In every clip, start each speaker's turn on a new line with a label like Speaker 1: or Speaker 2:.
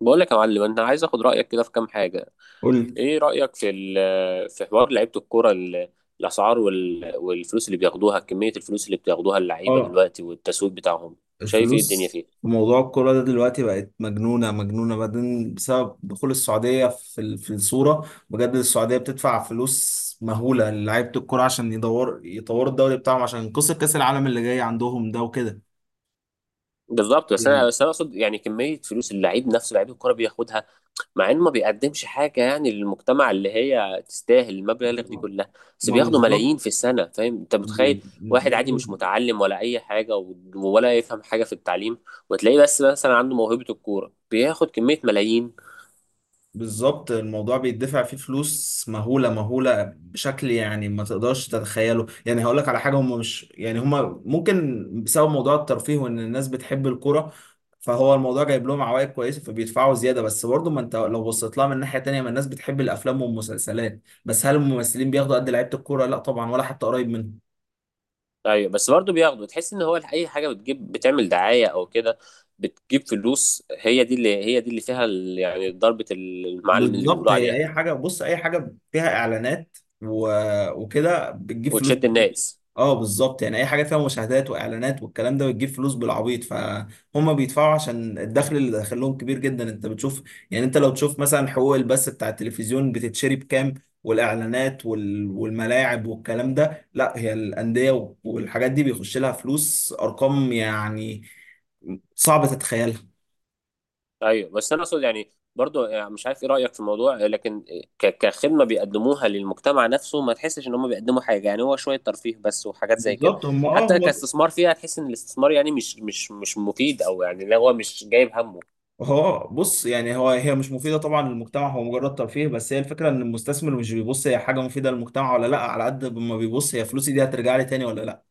Speaker 1: بقول لك يا معلم، انا عايز اخد رايك كده في كام حاجه.
Speaker 2: قول.
Speaker 1: ايه رايك في حوار لعيبه الكوره الاسعار والفلوس اللي بياخدوها، كميه الفلوس اللي بتاخدوها اللعيبه
Speaker 2: اه،
Speaker 1: دلوقتي والتسويق بتاعهم؟ شايف ايه الدنيا
Speaker 2: الفلوس
Speaker 1: فيه؟
Speaker 2: في موضوع الكرة ده دلوقتي بقت مجنونة مجنونة بعدين بسبب دخول السعودية في الصورة. بجد السعودية بتدفع فلوس مهولة للعيبة الكرة عشان يدور يطوروا الدوري بتاعهم عشان ينقذوا كأس العالم اللي جاي عندهم ده وكده.
Speaker 1: بالظبط، بس انا
Speaker 2: يعني
Speaker 1: بس انا اقصد يعني كميه فلوس اللعيب نفسه، لعيب الكوره بياخدها، مع انه ما بيقدمش حاجه يعني للمجتمع اللي هي تستاهل المبالغ دي كلها. بس
Speaker 2: ما
Speaker 1: بياخدوا
Speaker 2: بالظبط،
Speaker 1: ملايين في السنه، فاهم؟ انت متخيل واحد عادي
Speaker 2: بياخدوا.
Speaker 1: مش متعلم ولا اي حاجه ولا يفهم حاجه في التعليم، وتلاقيه بس مثلا عنده موهبه الكوره بياخد كميه ملايين؟
Speaker 2: بالظبط، الموضوع بيدفع فيه فلوس مهولة مهولة بشكل يعني ما تقدرش تتخيله. يعني هقول لك على حاجة، هم مش، يعني هم ممكن بسبب موضوع الترفيه وان الناس بتحب الكرة، فهو الموضوع جايب لهم عوائد كويسة فبيدفعوا زيادة. بس برضه، ما انت لو بصيت لها من ناحية تانية، ما الناس بتحب الافلام والمسلسلات، بس هل الممثلين بياخدوا قد لعيبة الكرة؟ لا طبعا، ولا حتى قريب منهم.
Speaker 1: ايوه، بس برضه بياخده. تحس ان هو اي حاجه بتجيب، بتعمل دعايه او كده، بتجيب فلوس. هي دي اللي فيها يعني ضربه المعلم اللي
Speaker 2: بالظبط،
Speaker 1: بيقولوا
Speaker 2: هي
Speaker 1: عليها
Speaker 2: اي حاجه، بص، اي حاجه فيها اعلانات و... وكده بتجيب فلوس
Speaker 1: وتشد
Speaker 2: كتير.
Speaker 1: الناس.
Speaker 2: اه بالظبط، يعني اي حاجه فيها مشاهدات واعلانات والكلام ده بتجيب فلوس بالعبيط، فهم بيدفعوا عشان الدخل اللي داخلهم كبير جدا، انت بتشوف. يعني انت لو تشوف مثلا حقوق البث بتاع التلفزيون بتتشري بكام، والاعلانات والملاعب والكلام ده، لا هي الانديه والحاجات دي بيخش لها فلوس، ارقام يعني صعب تتخيلها.
Speaker 1: ايوه بس انا اقصد يعني برضو، يعني مش عارف ايه رايك في الموضوع، لكن كخدمه بيقدموها للمجتمع نفسه، ما تحسش ان هم بيقدموا حاجه. يعني هو شويه ترفيه بس وحاجات زي كده.
Speaker 2: بالظبط، هم،
Speaker 1: حتى
Speaker 2: هو
Speaker 1: كاستثمار فيها، تحس ان الاستثمار يعني مش مفيد. او يعني لا، هو مش جايب همه.
Speaker 2: هو بص، يعني هو، هي مش مفيدة طبعا للمجتمع، هو مجرد ترفيه بس. هي الفكرة ان المستثمر مش بيبص هي حاجة مفيدة للمجتمع ولا لا، على قد ما بيبص هي فلوسي دي هترجع لي تاني ولا لا.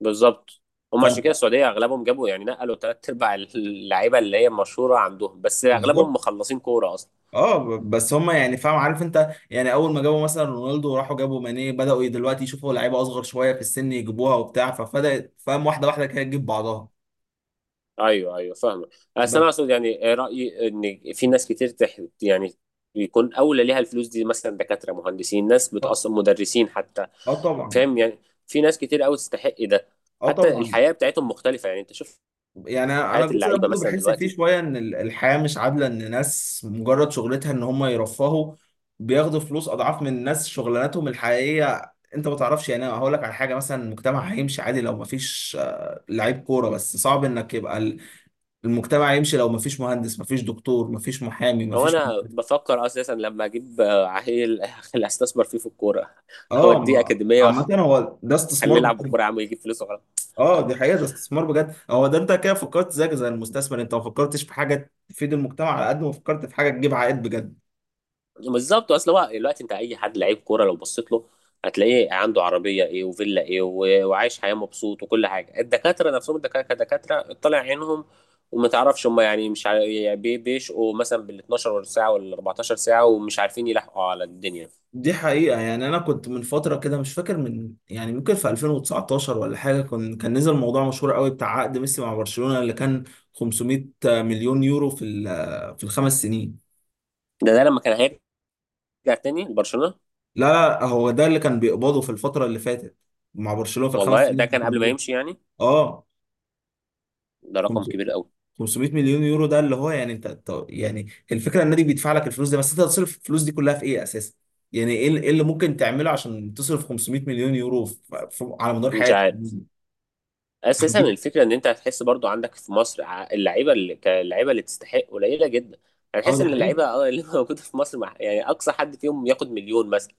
Speaker 1: بالظبط، هم عشان كده
Speaker 2: فانت،
Speaker 1: السعوديه اغلبهم جابوا، يعني نقلوا ثلاث ارباع اللعيبه اللي هي مشهوره عندهم، بس اغلبهم
Speaker 2: بالظبط.
Speaker 1: مخلصين كوره اصلا.
Speaker 2: اه بس هما، يعني، فاهم؟ عارف انت، يعني اول ما جابوا مثلا رونالدو وراحوا جابوا ماني، بدأوا دلوقتي يشوفوا لعيبة اصغر شوية في السن يجيبوها وبتاع، فبدأت فاهم، واحدة واحدة كده تجيب بعضها.
Speaker 1: ايوه ايوه فاهمه. بس انا
Speaker 2: بس.
Speaker 1: اقصد يعني، رايي ان في ناس كتير يعني بيكون اولى ليها الفلوس دي، مثلا دكاتره، مهندسين، ناس
Speaker 2: اه
Speaker 1: بتاصلا، مدرسين حتى.
Speaker 2: آه طبعا.
Speaker 1: فاهم يعني؟ في ناس كتير قوي تستحق ده.
Speaker 2: اه
Speaker 1: حتى
Speaker 2: طبعا.
Speaker 1: الحياه بتاعتهم مختلفه. يعني انت شوف
Speaker 2: يعني انا
Speaker 1: حياه
Speaker 2: الجزء ده
Speaker 1: اللعيبه
Speaker 2: برضه
Speaker 1: مثلا
Speaker 2: بحس فيه
Speaker 1: دلوقتي.
Speaker 2: شويه ان الحياه مش عادله، ان ناس مجرد شغلتها ان هم يرفهوا بياخدوا فلوس اضعاف من ناس شغلانتهم الحقيقيه، انت ما تعرفش. يعني انا هقول لك على حاجه، مثلا المجتمع هيمشي عادي لو ما فيش لعيب كوره، بس صعب انك يبقى المجتمع يمشي لو ما فيش مهندس، ما فيش دكتور، ما فيش محامي، ما
Speaker 1: او
Speaker 2: فيش.
Speaker 1: انا بفكر اساسا لما اجيب عيل اللي استثمر فيه في الكوره،
Speaker 2: اه.
Speaker 1: اوديه اكاديميه
Speaker 2: عامه
Speaker 1: واخليه
Speaker 2: هو ده استثمار
Speaker 1: يلعب
Speaker 2: بجد.
Speaker 1: بالكوره يا عم يجيب فلوس.
Speaker 2: اه دي حقيقه، ده استثمار بجد، هو ده. انت كده فكرت زيك زي المستثمر، انت ما فكرتش في حاجه تفيد المجتمع على قد ما فكرت في حاجه تجيب عائد بجد.
Speaker 1: بالظبط. اصل هو دلوقتي انت اي حد لعيب كوره لو بصيت له، هتلاقيه عنده عربيه ايه، وفيلا ايه، وعايش حياه مبسوط وكل حاجه. الدكاتره نفسهم، الدكاتره كدكاتره طالع عينهم، وما تعرفش هم، يعني مش عارف- يعني بيشقوا مثلا بال 12 ساعه ولا 14 ساعه ومش عارفين يلحقوا على الدنيا.
Speaker 2: دي حقيقة، يعني أنا كنت من فترة كده، مش فاكر من، يعني ممكن في 2019 ولا حاجة، كان نزل موضوع مشهور قوي بتاع عقد ميسي مع برشلونة اللي كان 500 مليون يورو في الخمس سنين.
Speaker 1: ده لما كان هيرجع تاني لبرشلونه.
Speaker 2: لا لا، هو ده اللي كان بيقبضه في الفترة اللي فاتت مع برشلونة في الخمس
Speaker 1: والله ده
Speaker 2: سنين اللي
Speaker 1: كان
Speaker 2: كانوا
Speaker 1: قبل ما
Speaker 2: موجود.
Speaker 1: يمشي يعني.
Speaker 2: اه،
Speaker 1: ده رقم كبير قوي.
Speaker 2: 500 مليون يورو ده اللي هو، يعني انت، يعني الفكرة، النادي بيدفع لك الفلوس دي، بس انت هتصرف الفلوس دي كلها في ايه اساسا؟ يعني ايه اللي ممكن تعمله عشان تصرف 500 مليون يورو على مدار
Speaker 1: مش
Speaker 2: حياتك؟
Speaker 1: عارف. اساسا الفكره ان انت هتحس برضو عندك في مصر اللعيبه اللي كلاعيبه اللي تستحق قليله جدا.
Speaker 2: اه
Speaker 1: هتحس
Speaker 2: دي
Speaker 1: ان
Speaker 2: حقيقة.
Speaker 1: اللعيبه اللي موجوده في مصر، مع يعني اقصى حد فيهم ياخد مليون مثلا.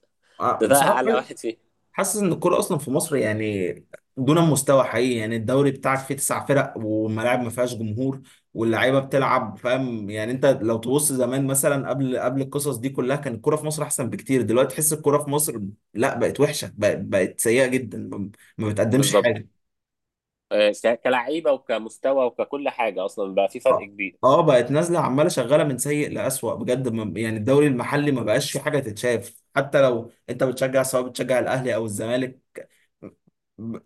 Speaker 1: ده ده
Speaker 2: بصراحة
Speaker 1: اعلى واحد فيه.
Speaker 2: حاسس ان الكورة اصلا في مصر، يعني دون مستوى حقيقي. يعني الدوري بتاعك فيه تسع فرق والملاعب ما فيهاش جمهور واللعيبة بتلعب، فاهم، يعني انت لو تبص زمان مثلا قبل قبل القصص دي كلها، كان الكورة في مصر احسن بكتير. دلوقتي تحس الكورة في مصر، لا بقت وحشة، بقت سيئة جدا. ما بتقدمش
Speaker 1: بالظبط.
Speaker 2: حاجة.
Speaker 1: كلاعيبه وكمستوى وككل حاجه اصلا بقى في فرق
Speaker 2: اه.
Speaker 1: كبير.
Speaker 2: بقت نازلة عمالة شغالة من سيء لأسوأ بجد. يعني الدوري المحلي ما بقاش في حاجة تتشاف، حتى لو انت بتشجع، سواء بتشجع الاهلي او الزمالك،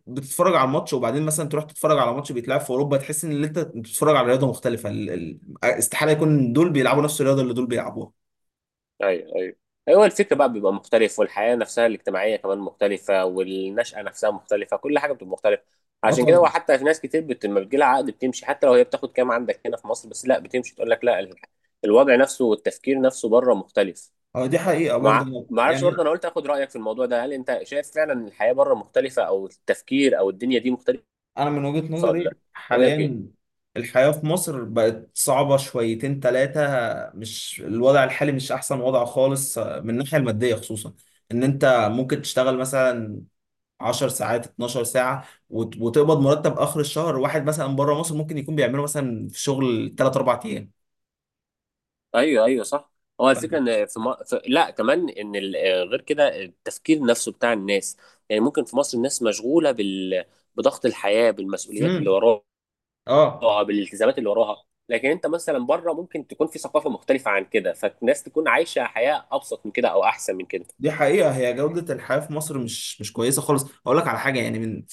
Speaker 2: بتتفرج على الماتش وبعدين مثلا تروح تتفرج على ماتش بيتلعب في اوروبا، تحس ان اللي انت بتتفرج على رياضه مختلفه. استحاله يكون دول بيلعبوا نفس الرياضه اللي دول بيلعبوها.
Speaker 1: ايوه ايوه. هو الفكر بقى بيبقى مختلف، والحياه نفسها الاجتماعيه كمان مختلفه، والنشأة نفسها مختلفه، كل حاجه بتبقى مختلفه.
Speaker 2: اه
Speaker 1: عشان كده هو
Speaker 2: طبعا.
Speaker 1: حتى في ناس كتير لما بتجيلها عقد بتمشي، حتى لو هي بتاخد كام عندك هنا في مصر، بس لا بتمشي تقول لك لا، الوضع نفسه والتفكير نفسه بره مختلف.
Speaker 2: اه دي حقيقه برضه،
Speaker 1: مع ما اعرفش
Speaker 2: يعني
Speaker 1: برضه، انا قلت اخد رايك في الموضوع ده، هل انت شايف فعلا إن الحياه بره مختلفه او التفكير او الدنيا دي مختلفه
Speaker 2: انا من وجهه
Speaker 1: ولا
Speaker 2: نظري
Speaker 1: لا؟ رايك ايه؟
Speaker 2: حاليا الحياه في مصر بقت صعبه شويتين ثلاثه. مش الوضع الحالي مش احسن وضع خالص، من الناحيه الماديه خصوصا. ان انت ممكن تشتغل مثلا 10 ساعات 12 ساعة وتقبض مرتب آخر الشهر، واحد مثلا بره مصر ممكن يكون بيعمله مثلا في شغل 3 4 أيام.
Speaker 1: ايوه ايوه صح. هو الفكره ان في, م... في لا كمان ان ال... آه، غير كده التفكير نفسه بتاع الناس. يعني ممكن في مصر الناس مشغوله بضغط الحياه، بالمسؤوليات اللي
Speaker 2: امم
Speaker 1: وراها،
Speaker 2: اه
Speaker 1: بالالتزامات اللي وراها، لكن انت مثلا بره ممكن تكون في ثقافه مختلفه عن كده، فالناس تكون عايشه حياه ابسط من كده او احسن من كده.
Speaker 2: دي حقيقة. هي جودة الحياة في مصر مش كويسة خالص. هقول لك على حاجة، يعني من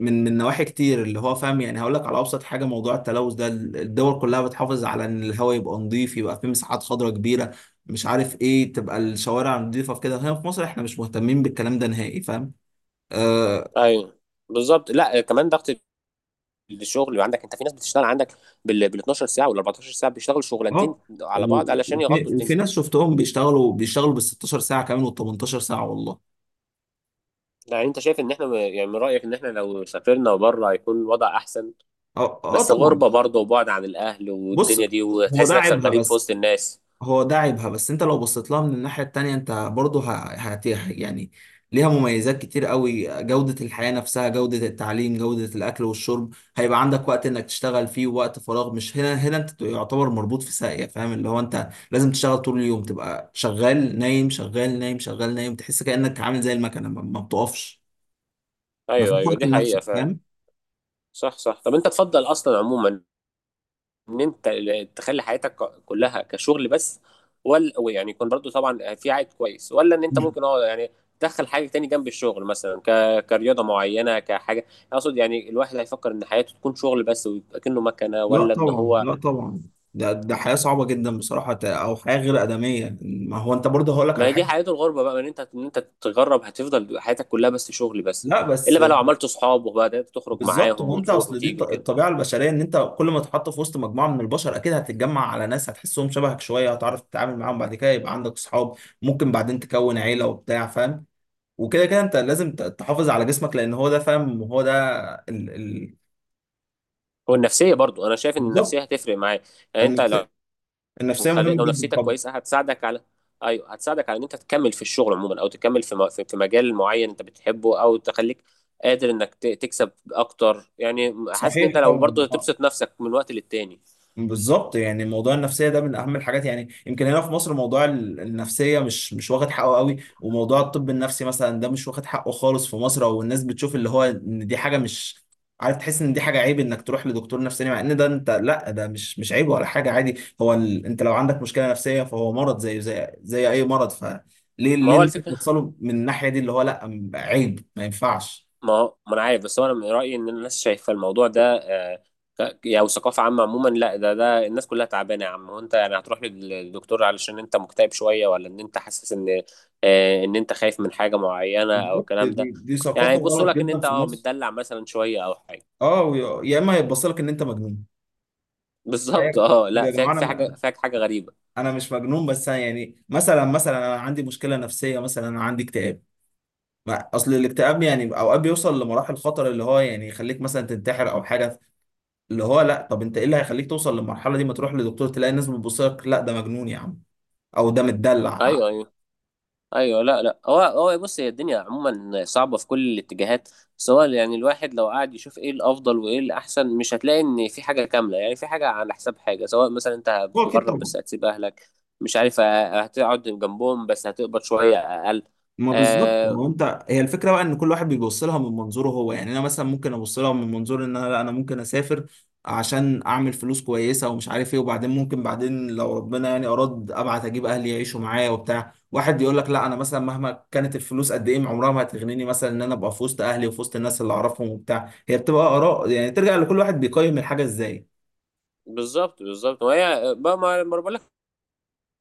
Speaker 2: من نواحي كتير، اللي هو فاهم، يعني هقول لك على أبسط حاجة: موضوع التلوث ده، الدول كلها بتحافظ على إن الهواء يبقى نظيف، يبقى فيه مساحات خضراء كبيرة، مش عارف إيه، تبقى الشوارع نظيفة في كده. هنا في مصر إحنا مش مهتمين بالكلام ده نهائي، فاهم آه،
Speaker 1: ايوه بالظبط. لا كمان ضغط الشغل اللي عندك. انت في ناس بتشتغل عندك بال 12 ساعه وال 14 ساعه، بيشتغلوا شغلانتين
Speaker 2: اه.
Speaker 1: على بعض علشان
Speaker 2: وفي
Speaker 1: يغطوا
Speaker 2: وفي
Speaker 1: الدنيا.
Speaker 2: ناس شفتهم بيشتغلوا بال 16 ساعه كمان وال 18 ساعه، والله.
Speaker 1: يعني انت شايف ان احنا يعني من رأيك ان احنا لو سافرنا بره هيكون الوضع احسن؟
Speaker 2: اه. اه
Speaker 1: بس
Speaker 2: طبعا.
Speaker 1: غربة برضه، وبعد عن الاهل
Speaker 2: بص،
Speaker 1: والدنيا دي،
Speaker 2: هو ده
Speaker 1: وتحس نفسك
Speaker 2: عيبها
Speaker 1: غريب في
Speaker 2: بس.
Speaker 1: وسط الناس.
Speaker 2: هو ده عيبها بس، انت لو بصيت لها من الناحيه التانيه، انت برضه، ه- هت يعني ليها مميزات كتير قوي، جوده الحياه نفسها، جوده التعليم، جوده الاكل والشرب، هيبقى عندك وقت انك تشتغل فيه ووقت فراغ، مش هنا انت يعتبر مربوط في ساقيه، فاهم، اللي هو انت لازم تشتغل طول اليوم، تبقى شغال نايم، شغال نايم، شغال نايم، تحس كانك عامل زي المكنه، ما بتقفش، ما فيش
Speaker 1: ايوه ايوه
Speaker 2: وقت
Speaker 1: دي
Speaker 2: لنفسك،
Speaker 1: حقيقة فعلا.
Speaker 2: فاهم.
Speaker 1: صح صح. طب انت تفضل اصلا عموما ان انت تخلي حياتك كلها كشغل بس، ولا يعني يكون برضه طبعا في عائد كويس، ولا ان انت
Speaker 2: مم.
Speaker 1: ممكن اه يعني تدخل حاجة تاني جنب الشغل، مثلا كرياضة معينة، كحاجة؟ اقصد يعني الواحد هيفكر ان حياته تكون شغل بس ويبقى كأنه مكنة،
Speaker 2: لا
Speaker 1: ولا ان
Speaker 2: طبعا،
Speaker 1: هو؟
Speaker 2: لا طبعا. ده حياة صعبة جدا بصراحة، أو حياة غير آدمية. ما هو أنت برضه، هقول لك
Speaker 1: ما
Speaker 2: على
Speaker 1: هي دي
Speaker 2: حاجة.
Speaker 1: حياة الغربة بقى، ان انت تتغرب، هتفضل حياتك كلها بس شغل بس،
Speaker 2: لا، بس
Speaker 1: الا بقى لو
Speaker 2: أنت-
Speaker 1: عملت صحاب وبدأت تخرج
Speaker 2: بالظبط،
Speaker 1: معاهم
Speaker 2: هو أنت،
Speaker 1: وتروح
Speaker 2: أصل دي
Speaker 1: وتيجي وكده.
Speaker 2: الطبيعة البشرية، إن أنت كل ما تتحط في وسط مجموعة من البشر أكيد هتتجمع على ناس هتحسهم شبهك شوية، هتعرف تتعامل معاهم بعد كده يبقى عندك أصحاب، ممكن بعدين تكون عيلة وبتاع، فاهم. وكده أنت لازم تحافظ على جسمك، لأن هو ده فاهم، هو ده ال... ال...
Speaker 1: والنفسية برضو، انا شايف ان النفسية
Speaker 2: بالظبط.
Speaker 1: هتفرق معاك. يعني انت لو
Speaker 2: النفسية النفسية مهمة
Speaker 1: لو
Speaker 2: جدا
Speaker 1: نفسيتك
Speaker 2: طبعا.
Speaker 1: كويسة هتساعدك على، ايوه هتساعدك على ان انت تكمل في الشغل عموما، او تكمل في م... في في مجال معين انت بتحبه، او تخليك قادر انك تكسب اكتر. يعني حاسس ان انت
Speaker 2: صحيح
Speaker 1: لو برضو
Speaker 2: طبعا.
Speaker 1: هتبسط نفسك من وقت للتاني.
Speaker 2: بالظبط، يعني موضوع النفسيه ده من اهم الحاجات. يعني يمكن هنا في مصر موضوع النفسيه مش واخد حقه قوي، وموضوع الطب النفسي مثلا ده مش واخد حقه خالص في مصر. او الناس بتشوف اللي هو ان دي حاجه، مش عارف، تحس ان دي حاجه عيب انك تروح لدكتور نفساني، مع ان ده انت، لا ده مش عيب ولا حاجه، عادي. هو انت لو عندك مشكله نفسيه فهو مرض زي زي اي مرض، فليه؟
Speaker 1: ما
Speaker 2: ليه
Speaker 1: هو
Speaker 2: الناس
Speaker 1: الفكرة،
Speaker 2: بتصله من الناحيه دي، اللي هو لا عيب، ما ينفعش.
Speaker 1: ما هو ما انا عارف، بس هو انا من رايي ان الناس شايفه الموضوع ده يعني ثقافه عامه عموما. لا، ده الناس كلها تعبانه يا عم. هو انت يعني هتروح للدكتور علشان انت مكتئب شويه، ولا ان انت حاسس ان ان انت خايف من حاجه معينه او
Speaker 2: بالظبط.
Speaker 1: الكلام ده؟
Speaker 2: دي
Speaker 1: يعني
Speaker 2: ثقافه
Speaker 1: يبصوا
Speaker 2: غلط
Speaker 1: لك ان
Speaker 2: جدا
Speaker 1: انت
Speaker 2: في مصر.
Speaker 1: متدلع مثلا شويه او حاجه.
Speaker 2: اه. يا اما يتبصلك ان انت مجنون.
Speaker 1: بالظبط.
Speaker 2: طيب
Speaker 1: اه لا،
Speaker 2: يا جماعه،
Speaker 1: فيك في حاجه،
Speaker 2: انا
Speaker 1: فيك حاجه غريبه.
Speaker 2: انا مش مجنون، بس أنا يعني مثلا انا عندي مشكله نفسيه، مثلا انا عندي اكتئاب. اصل الاكتئاب يعني اوقات بيوصل لمراحل خطر، اللي هو يعني يخليك مثلا تنتحر او حاجه. اللي هو لا، طب انت ايه اللي هيخليك توصل للمرحله دي؟ ما تروح لدكتور تلاقي الناس بتبص لك: لا ده مجنون يا عم، او ده متدلع.
Speaker 1: ايوه ايوه. ايوه لا لا. هو، هو بص، هي الدنيا عموما صعبه في كل الاتجاهات، بس هو يعني الواحد لو قعد يشوف ايه الافضل وايه الاحسن، مش هتلاقي ان في حاجه كامله. يعني في حاجه على حساب حاجه، سواء مثلا انت
Speaker 2: هو اكيد
Speaker 1: بتتغرب
Speaker 2: طبعا.
Speaker 1: بس هتسيب اهلك، مش عارف، هتقعد جنبهم بس هتقبض شويه اقل.
Speaker 2: ما بالظبط،
Speaker 1: آه
Speaker 2: هو انت، هي الفكره بقى ان كل واحد بيبص لها من منظوره هو. يعني انا مثلا ممكن ابص لها من منظور ان انا، لا، انا ممكن اسافر عشان اعمل فلوس كويسه ومش عارف ايه، وبعدين ممكن بعدين لو ربنا يعني اراد ابعت اجيب اهلي يعيشوا معايا وبتاع. واحد يقول لك لا، انا مثلا مهما كانت الفلوس قد ايه عمرها ما هتغنيني مثلا ان انا ابقى في وسط اهلي وفي وسط الناس اللي اعرفهم وبتاع. هي بتبقى اراء، يعني ترجع لكل واحد بيقيم الحاجه ازاي.
Speaker 1: بالظبط بالظبط. وهي بقى، ما بقول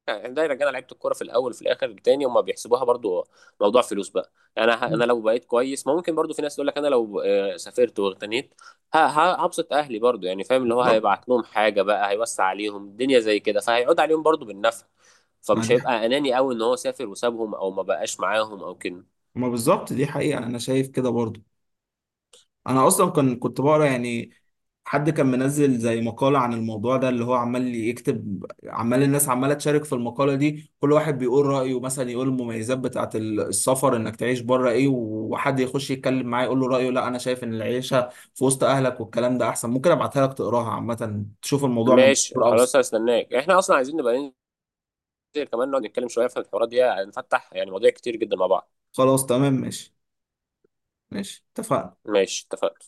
Speaker 1: يعني دايرة كده، لعيبة الكورة في الأول في الآخر تاني هما بيحسبوها برضو موضوع فلوس بقى. يعني أنا لو بقيت كويس، ما ممكن برضو في ناس تقول لك أنا لو سافرت واغتنيت هبسط أهلي برضو، يعني فاهم؟ اللي هو
Speaker 2: بالظبط.
Speaker 1: هيبعت لهم حاجة بقى، هيوسع عليهم الدنيا زي كده، فهيعود عليهم برضو بالنفع.
Speaker 2: ما
Speaker 1: فمش
Speaker 2: دي،
Speaker 1: هيبقى أناني أوي إن هو سافر وسابهم أو ما بقاش معاهم أو كده.
Speaker 2: ما بالظبط دي حقيقه، انا شايف كده برضه. انا اصلا كان كنت بقرا، يعني حد كان منزل زي مقالة عن الموضوع ده، اللي هو عمال يكتب، عمال الناس عمالة تشارك في المقالة دي، كل واحد بيقول رأيه. مثلا يقول المميزات بتاعة السفر، انك تعيش بره ايه. وحد يخش يتكلم معاه يقول له رأيه: لا انا شايف ان العيشة في وسط اهلك والكلام ده احسن. ممكن ابعتها لك تقراها، عامة تشوف الموضوع من
Speaker 1: ماشي
Speaker 2: منظور اوسع.
Speaker 1: خلاص، هستناك. إحنا أصلا عايزين نبقى ننزل كمان نقعد نتكلم شوية في الحوارات دي، هنفتح يعني مواضيع كتير جدا مع بعض.
Speaker 2: خلاص تمام ماشي. ماشي اتفقنا.
Speaker 1: ماشي اتفقنا.